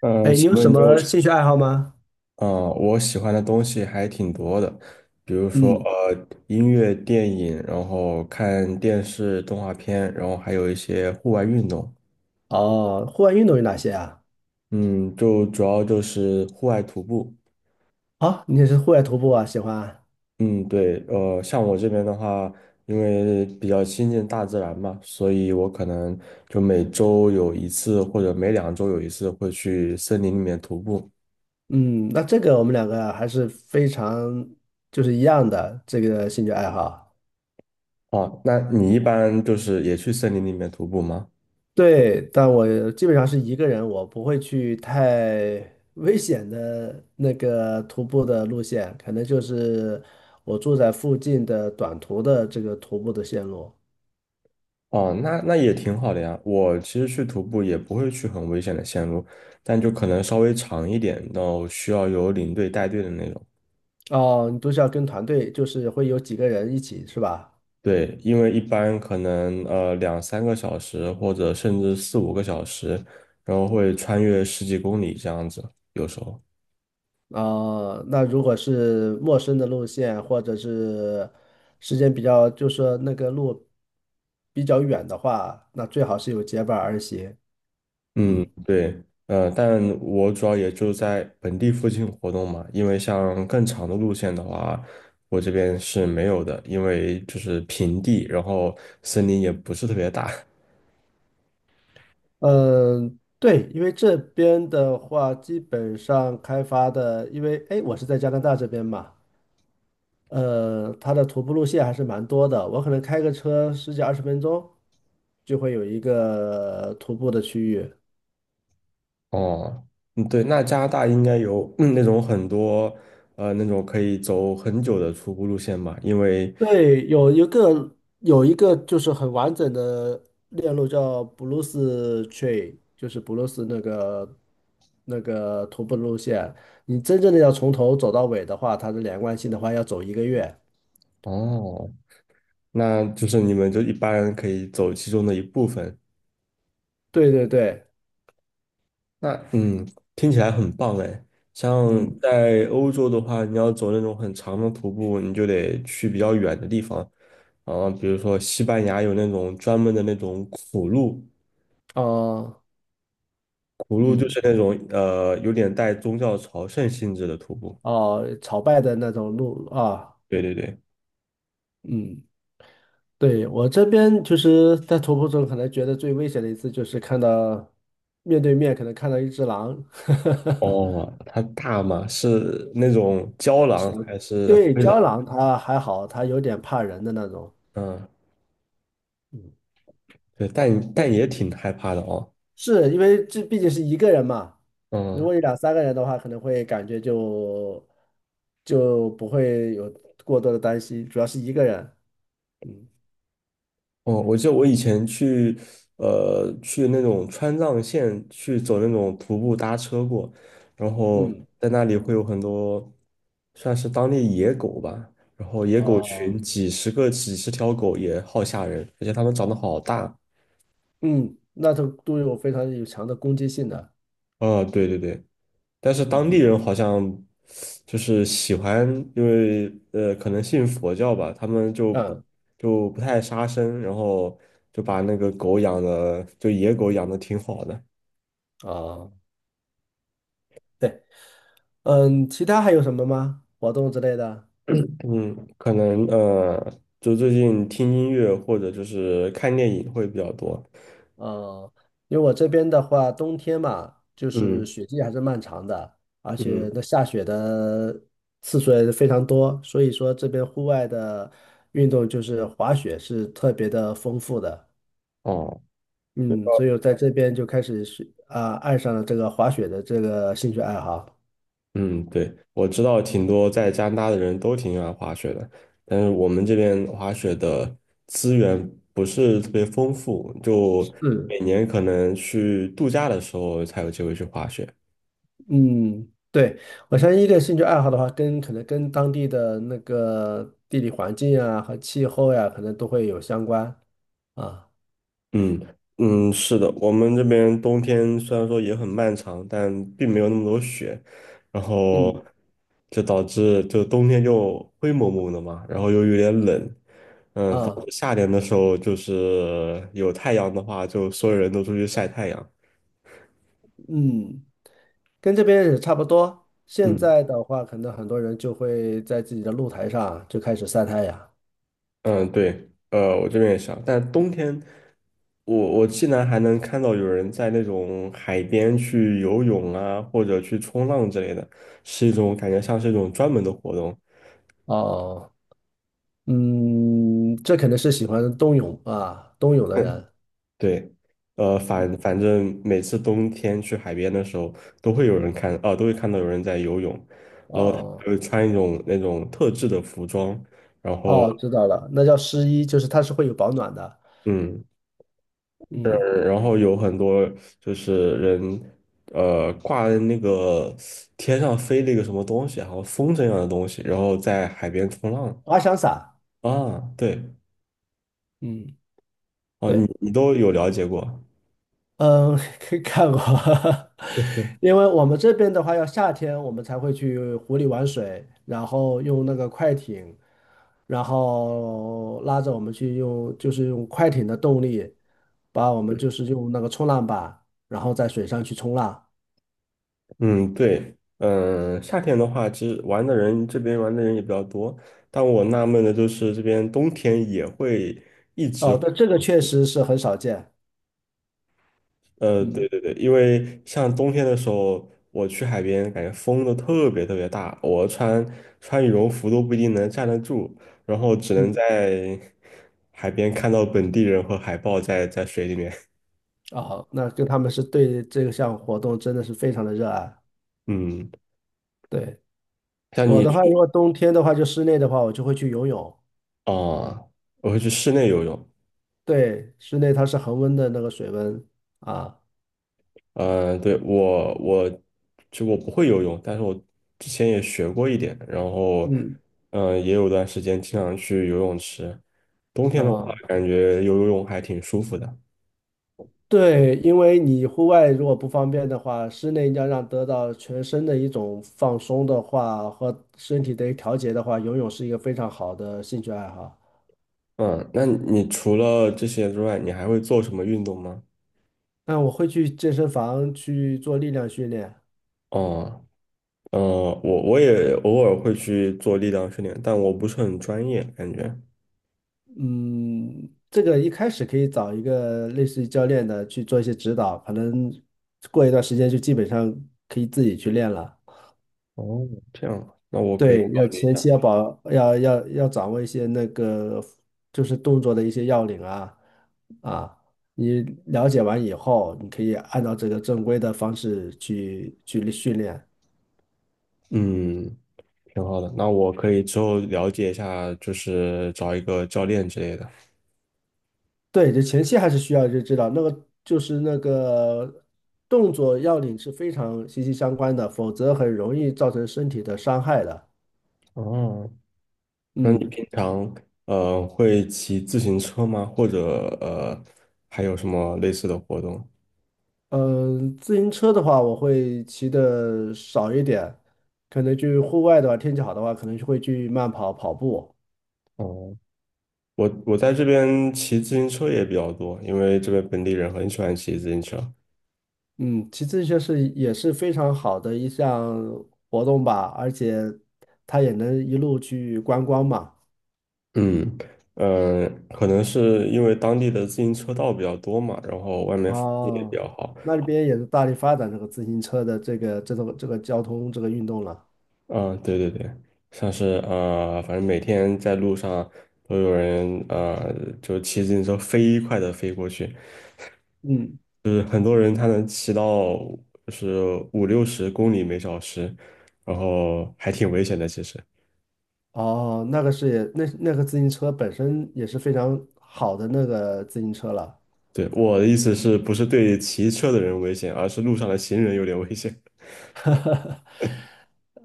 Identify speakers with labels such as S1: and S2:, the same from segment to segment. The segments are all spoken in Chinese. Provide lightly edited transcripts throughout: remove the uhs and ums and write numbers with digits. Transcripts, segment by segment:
S1: 哎，
S2: 请
S1: 你有
S2: 问
S1: 什
S2: 你有
S1: 么
S2: 什？
S1: 兴趣爱好吗？
S2: 嗯，我喜欢的东西还挺多的，比如说
S1: 嗯，
S2: 音乐、电影，然后看电视、动画片，然后还有一些户外运动。
S1: 哦，户外运动有哪些啊？
S2: 嗯，就主要就是户外徒步。
S1: 好，你也是户外徒步啊，喜欢啊。
S2: 嗯，对，像我这边的话，因为比较亲近大自然嘛，所以我可能就每周有一次或者每两周有一次会去森林里面徒步。
S1: 嗯，那这个我们两个还是非常一样的这个兴趣爱好。
S2: 哦，那你一般就是也去森林里面徒步吗？
S1: 对，但我基本上是一个人，我不会去太危险的那个徒步的路线，可能就是我住在附近的短途的这个徒步的线路。
S2: 哦，那那也挺好的呀。我其实去徒步也不会去很危险的线路，但就可能稍微长一点，然后需要有领队带队的那种。
S1: 哦，你都是要跟团队，就是会有几个人一起，是吧？
S2: 对，因为一般可能2、3个小时或者甚至4、5个小时，然后会穿越十几公里这样子，有时候。
S1: 啊，那如果是陌生的路线，或者是时间比较，就是说那个路比较远的话，那最好是有结伴而行。
S2: 嗯，
S1: 嗯。
S2: 对，但我主要也就在本地附近活动嘛，因为像更长的路线的话，我这边是没有的，因为就是平地，然后森林也不是特别大。
S1: 嗯，对，因为这边的话，基本上开发的，因为哎，我是在加拿大这边嘛，它的徒步路线还是蛮多的，我可能开个车十几二十分钟就会有一个徒步的区域。
S2: 哦，嗯，对，那加拿大应该有，嗯那种很多，那种可以走很久的徒步路线嘛，因为，
S1: 对，有一个就是很完整的链路叫布鲁斯 Train，就是布鲁斯那个徒步路线。你真正的要从头走到尾的话，它的连贯性的话要走一个月。
S2: 哦，那就是你们就一般可以走其中的一部分，
S1: 对对对，
S2: 那嗯，听起来很棒哎。像
S1: 嗯，
S2: 在欧洲的话，你要走那种很长的徒步，你就得去比较远的地方。啊，比如说西班牙有那种专门的那种苦路，
S1: 哦，
S2: 苦路就
S1: 嗯，
S2: 是那种有点带宗教朝圣性质的徒步。
S1: 哦，朝拜的那种路啊，
S2: 对对对。
S1: 嗯，对，我这边就是在徒步中可能觉得最危险的一次就是看到面对面可能看到一只狼。
S2: 哦，它大吗？是那种郊狼还是
S1: 对，
S2: 灰
S1: 胶
S2: 狼？
S1: 囊它还好，它有点怕人的那种。
S2: 嗯，
S1: 嗯，
S2: 对，但也挺害怕的哦。
S1: 是因为这毕竟是一个人嘛，如
S2: 嗯。
S1: 果有两三个人的话，可能会感觉就不会有过多的担心，主要是一个人。嗯。
S2: 哦，我记得我以前去，去那种川藏线去走那种徒步搭车过，然后
S1: 嗯。
S2: 在那里会有很多算是当地野狗吧，然后野狗群
S1: 哦。
S2: 几十个、几十条狗也好吓人，而且它们长得好大。
S1: 嗯，那都有非常有强的攻击性的。
S2: 啊、对对对，但是当
S1: 嗯。
S2: 地人好像就是喜欢，因为可能信佛教吧，他们就不
S1: 嗯。
S2: 就不太杀生，然后就把那个狗养的，就野狗养的挺好的。
S1: 哦，对，嗯，其他还有什么吗？活动之类的？
S2: 嗯，可能就最近听音乐或者就是看电影会比较多。
S1: 嗯，因为我这边的话，冬天嘛，就是
S2: 嗯
S1: 雪季还是漫长的，而且
S2: 嗯，
S1: 那下雪的次数也是非常多，所以说这边户外的运动就是滑雪是特别的丰富的。
S2: 哦，
S1: 嗯，所以我在这边就开始是啊、爱上了这个滑雪的这个兴趣爱好。
S2: 嗯，对，我知道挺多在加拿大的人都挺喜欢滑雪的，但是我们这边滑雪的资源不是特别丰富，就
S1: 嗯。
S2: 每年可能去度假的时候才有机会去滑雪。
S1: 嗯，对，我相信一个兴趣爱好的话，跟可能跟当地的那个地理环境啊和气候呀、可能都会有相关啊。
S2: 嗯嗯，是的，我们这边冬天虽然说也很漫长，但并没有那么多雪，然后
S1: 嗯。
S2: 就导致就冬天就灰蒙蒙的嘛，然后又有点冷，嗯，导
S1: 啊。
S2: 致夏天的时候就是有太阳的话，就所有人都出去晒太阳。
S1: 嗯，跟这边也差不多。现
S2: 嗯
S1: 在的话，可能很多人就会在自己的露台上就开始晒太阳。
S2: 嗯，对，我这边也是啊但冬天我竟然还能看到有人在那种海边去游泳啊，或者去冲浪之类的，是一种感觉像是一种专门的活动。
S1: 哦，嗯，这可能是喜欢冬泳啊，冬泳的 人。
S2: 对，反正每次冬天去海边的时候，都会有人看，啊，都会看到有人在游泳，然后他们
S1: 哦，
S2: 会穿一种那种特制的服装，然后，
S1: 哦，知道了，那叫湿衣，就是它是会有保暖的。
S2: 嗯，呃
S1: 嗯，
S2: 然后有很多就是人，挂在那个天上飞了一个什么东西，好像风筝一样的东西，然后在海边冲浪
S1: 滑翔伞。
S2: 啊，对，
S1: 嗯，
S2: 哦，你
S1: 对。
S2: 你都有了解过。
S1: 嗯，看过，因为我们这边的话，要夏天我们才会去湖里玩水，然后用那个快艇，然后拉着我们去用，就是用快艇的动力，把我们就是用那个冲浪板，然后在水上去冲浪。
S2: 嗯，对，嗯，夏天的话，其实玩的人这边玩的人也比较多，但我纳闷的就是这边冬天也会一直
S1: 哦，
S2: 会，
S1: 但这个确实是很少见。
S2: 对
S1: 嗯。
S2: 对对，因为像冬天的时候，我去海边，感觉风都特别特别大，我穿羽绒服都不一定能站得住，然后只能
S1: 嗯，
S2: 在海边看到本地人和海豹在水里面，
S1: 哦，那跟他们是对这项活动真的是非常的热爱。
S2: 嗯，
S1: 对，
S2: 像
S1: 我
S2: 你
S1: 的话，如
S2: 去
S1: 果冬天的话，就室内的话，我就会去游泳。
S2: 啊，我会去室内游泳，
S1: 对，室内它是恒温的那个水温啊。
S2: 嗯，对，我不会游泳，但是我之前也学过一点，然后
S1: 嗯，
S2: 嗯，也有段时间经常去游泳池。冬天的话，
S1: 啊，
S2: 感觉游泳还挺舒服的。
S1: 对，因为你户外如果不方便的话，室内要让得到全身的一种放松的话，和身体的调节的话，游泳是一个非常好的兴趣爱好。
S2: 嗯，那你除了这些之外，你还会做什么运动吗？
S1: 那我会去健身房去做力量训练，
S2: 哦，呃，我也偶尔会去做力量训练，但我不是很专业，感觉。
S1: 嗯，这个一开始可以找一个类似于教练的去做一些指导，可能过一段时间就基本上可以自己去练了。
S2: 哦，这样，那我可以
S1: 对，
S2: 考
S1: 要
S2: 虑一
S1: 前
S2: 下。
S1: 期要保，要掌握一些那个，就是动作的一些要领啊。啊，你了解完以后，你可以按照这个正规的方式去训练。
S2: 嗯，挺好的。那我可以之后了解一下，就是找一个教练之类的。
S1: 对，就前期还是需要就知道那个动作要领是非常息息相关的，否则很容易造成身体的伤害的。
S2: 哦，那你
S1: 嗯。
S2: 平常会骑自行车吗？或者还有什么类似的活动？
S1: 嗯，自行车的话，我会骑的少一点，可能去户外的话，天气好的话，可能就会去慢跑、跑步。
S2: 哦，我我在这边骑自行车也比较多，因为这边本地人很喜欢骑自行车。
S1: 嗯，骑自行车是也是非常好的一项活动吧，而且它也能一路去观光嘛。
S2: 嗯嗯,可能是因为当地的自行车道比较多嘛，然后外面风景也比
S1: 哦，
S2: 较好。
S1: 那里边也是大力发展这个自行车的这个交通这个运动了。
S2: 嗯，对对对，像是反正每天在路上都有人就骑自行车飞快的飞过去，
S1: 嗯，
S2: 就是很多人他能骑到就是五六十公里每小时，然后还挺危险的。其实，
S1: 哦，那个是也那个自行车本身也是非常好的那个自行车了。
S2: 对，我的意思是不是对骑车的人危险，而是路上的行人有点危险。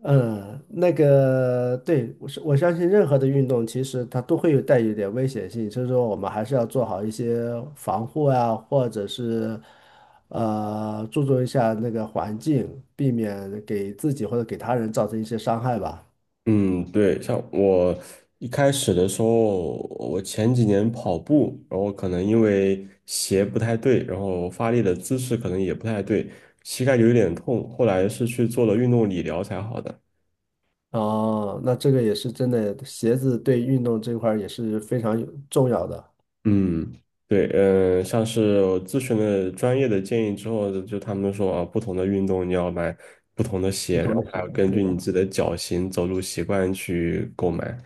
S1: 嗯，那个对，我相信任何的运动，其实它都会有带有一点危险性，所以说我们还是要做好一些防护啊，或者是注重一下那个环境，避免给自己或者给他人造成一些伤害吧。
S2: 嗯，对，像我一开始的时候，我前几年跑步，然后可能因为鞋不太对，然后发力的姿势可能也不太对，膝盖有一点痛，后来是去做了运动理疗才好的。
S1: 哦，那这个也是真的，鞋子对运动这块儿也是非常有重要的，
S2: 嗯，对，嗯，像是我咨询了专业的建议之后，就他们说啊，不同的运动你要买不同的
S1: 不
S2: 鞋，然
S1: 同
S2: 后
S1: 的
S2: 还
S1: 鞋，
S2: 要根
S1: 对
S2: 据你
S1: 吧？
S2: 自己的脚型、走路习惯去购买。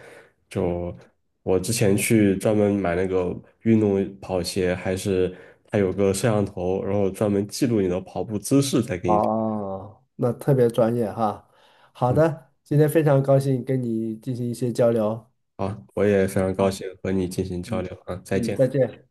S2: 就我之前去专门买那个运动跑鞋，还是它有个摄像头，然后专门记录你的跑步姿势再给你。
S1: 哦，那特别专业哈。好
S2: 嗯，
S1: 的，今天非常高兴跟你进行一些交流。
S2: 好，我也非常高
S1: 啊。
S2: 兴和你进行交
S1: 嗯。
S2: 流啊，再
S1: 嗯，
S2: 见。
S1: 再见。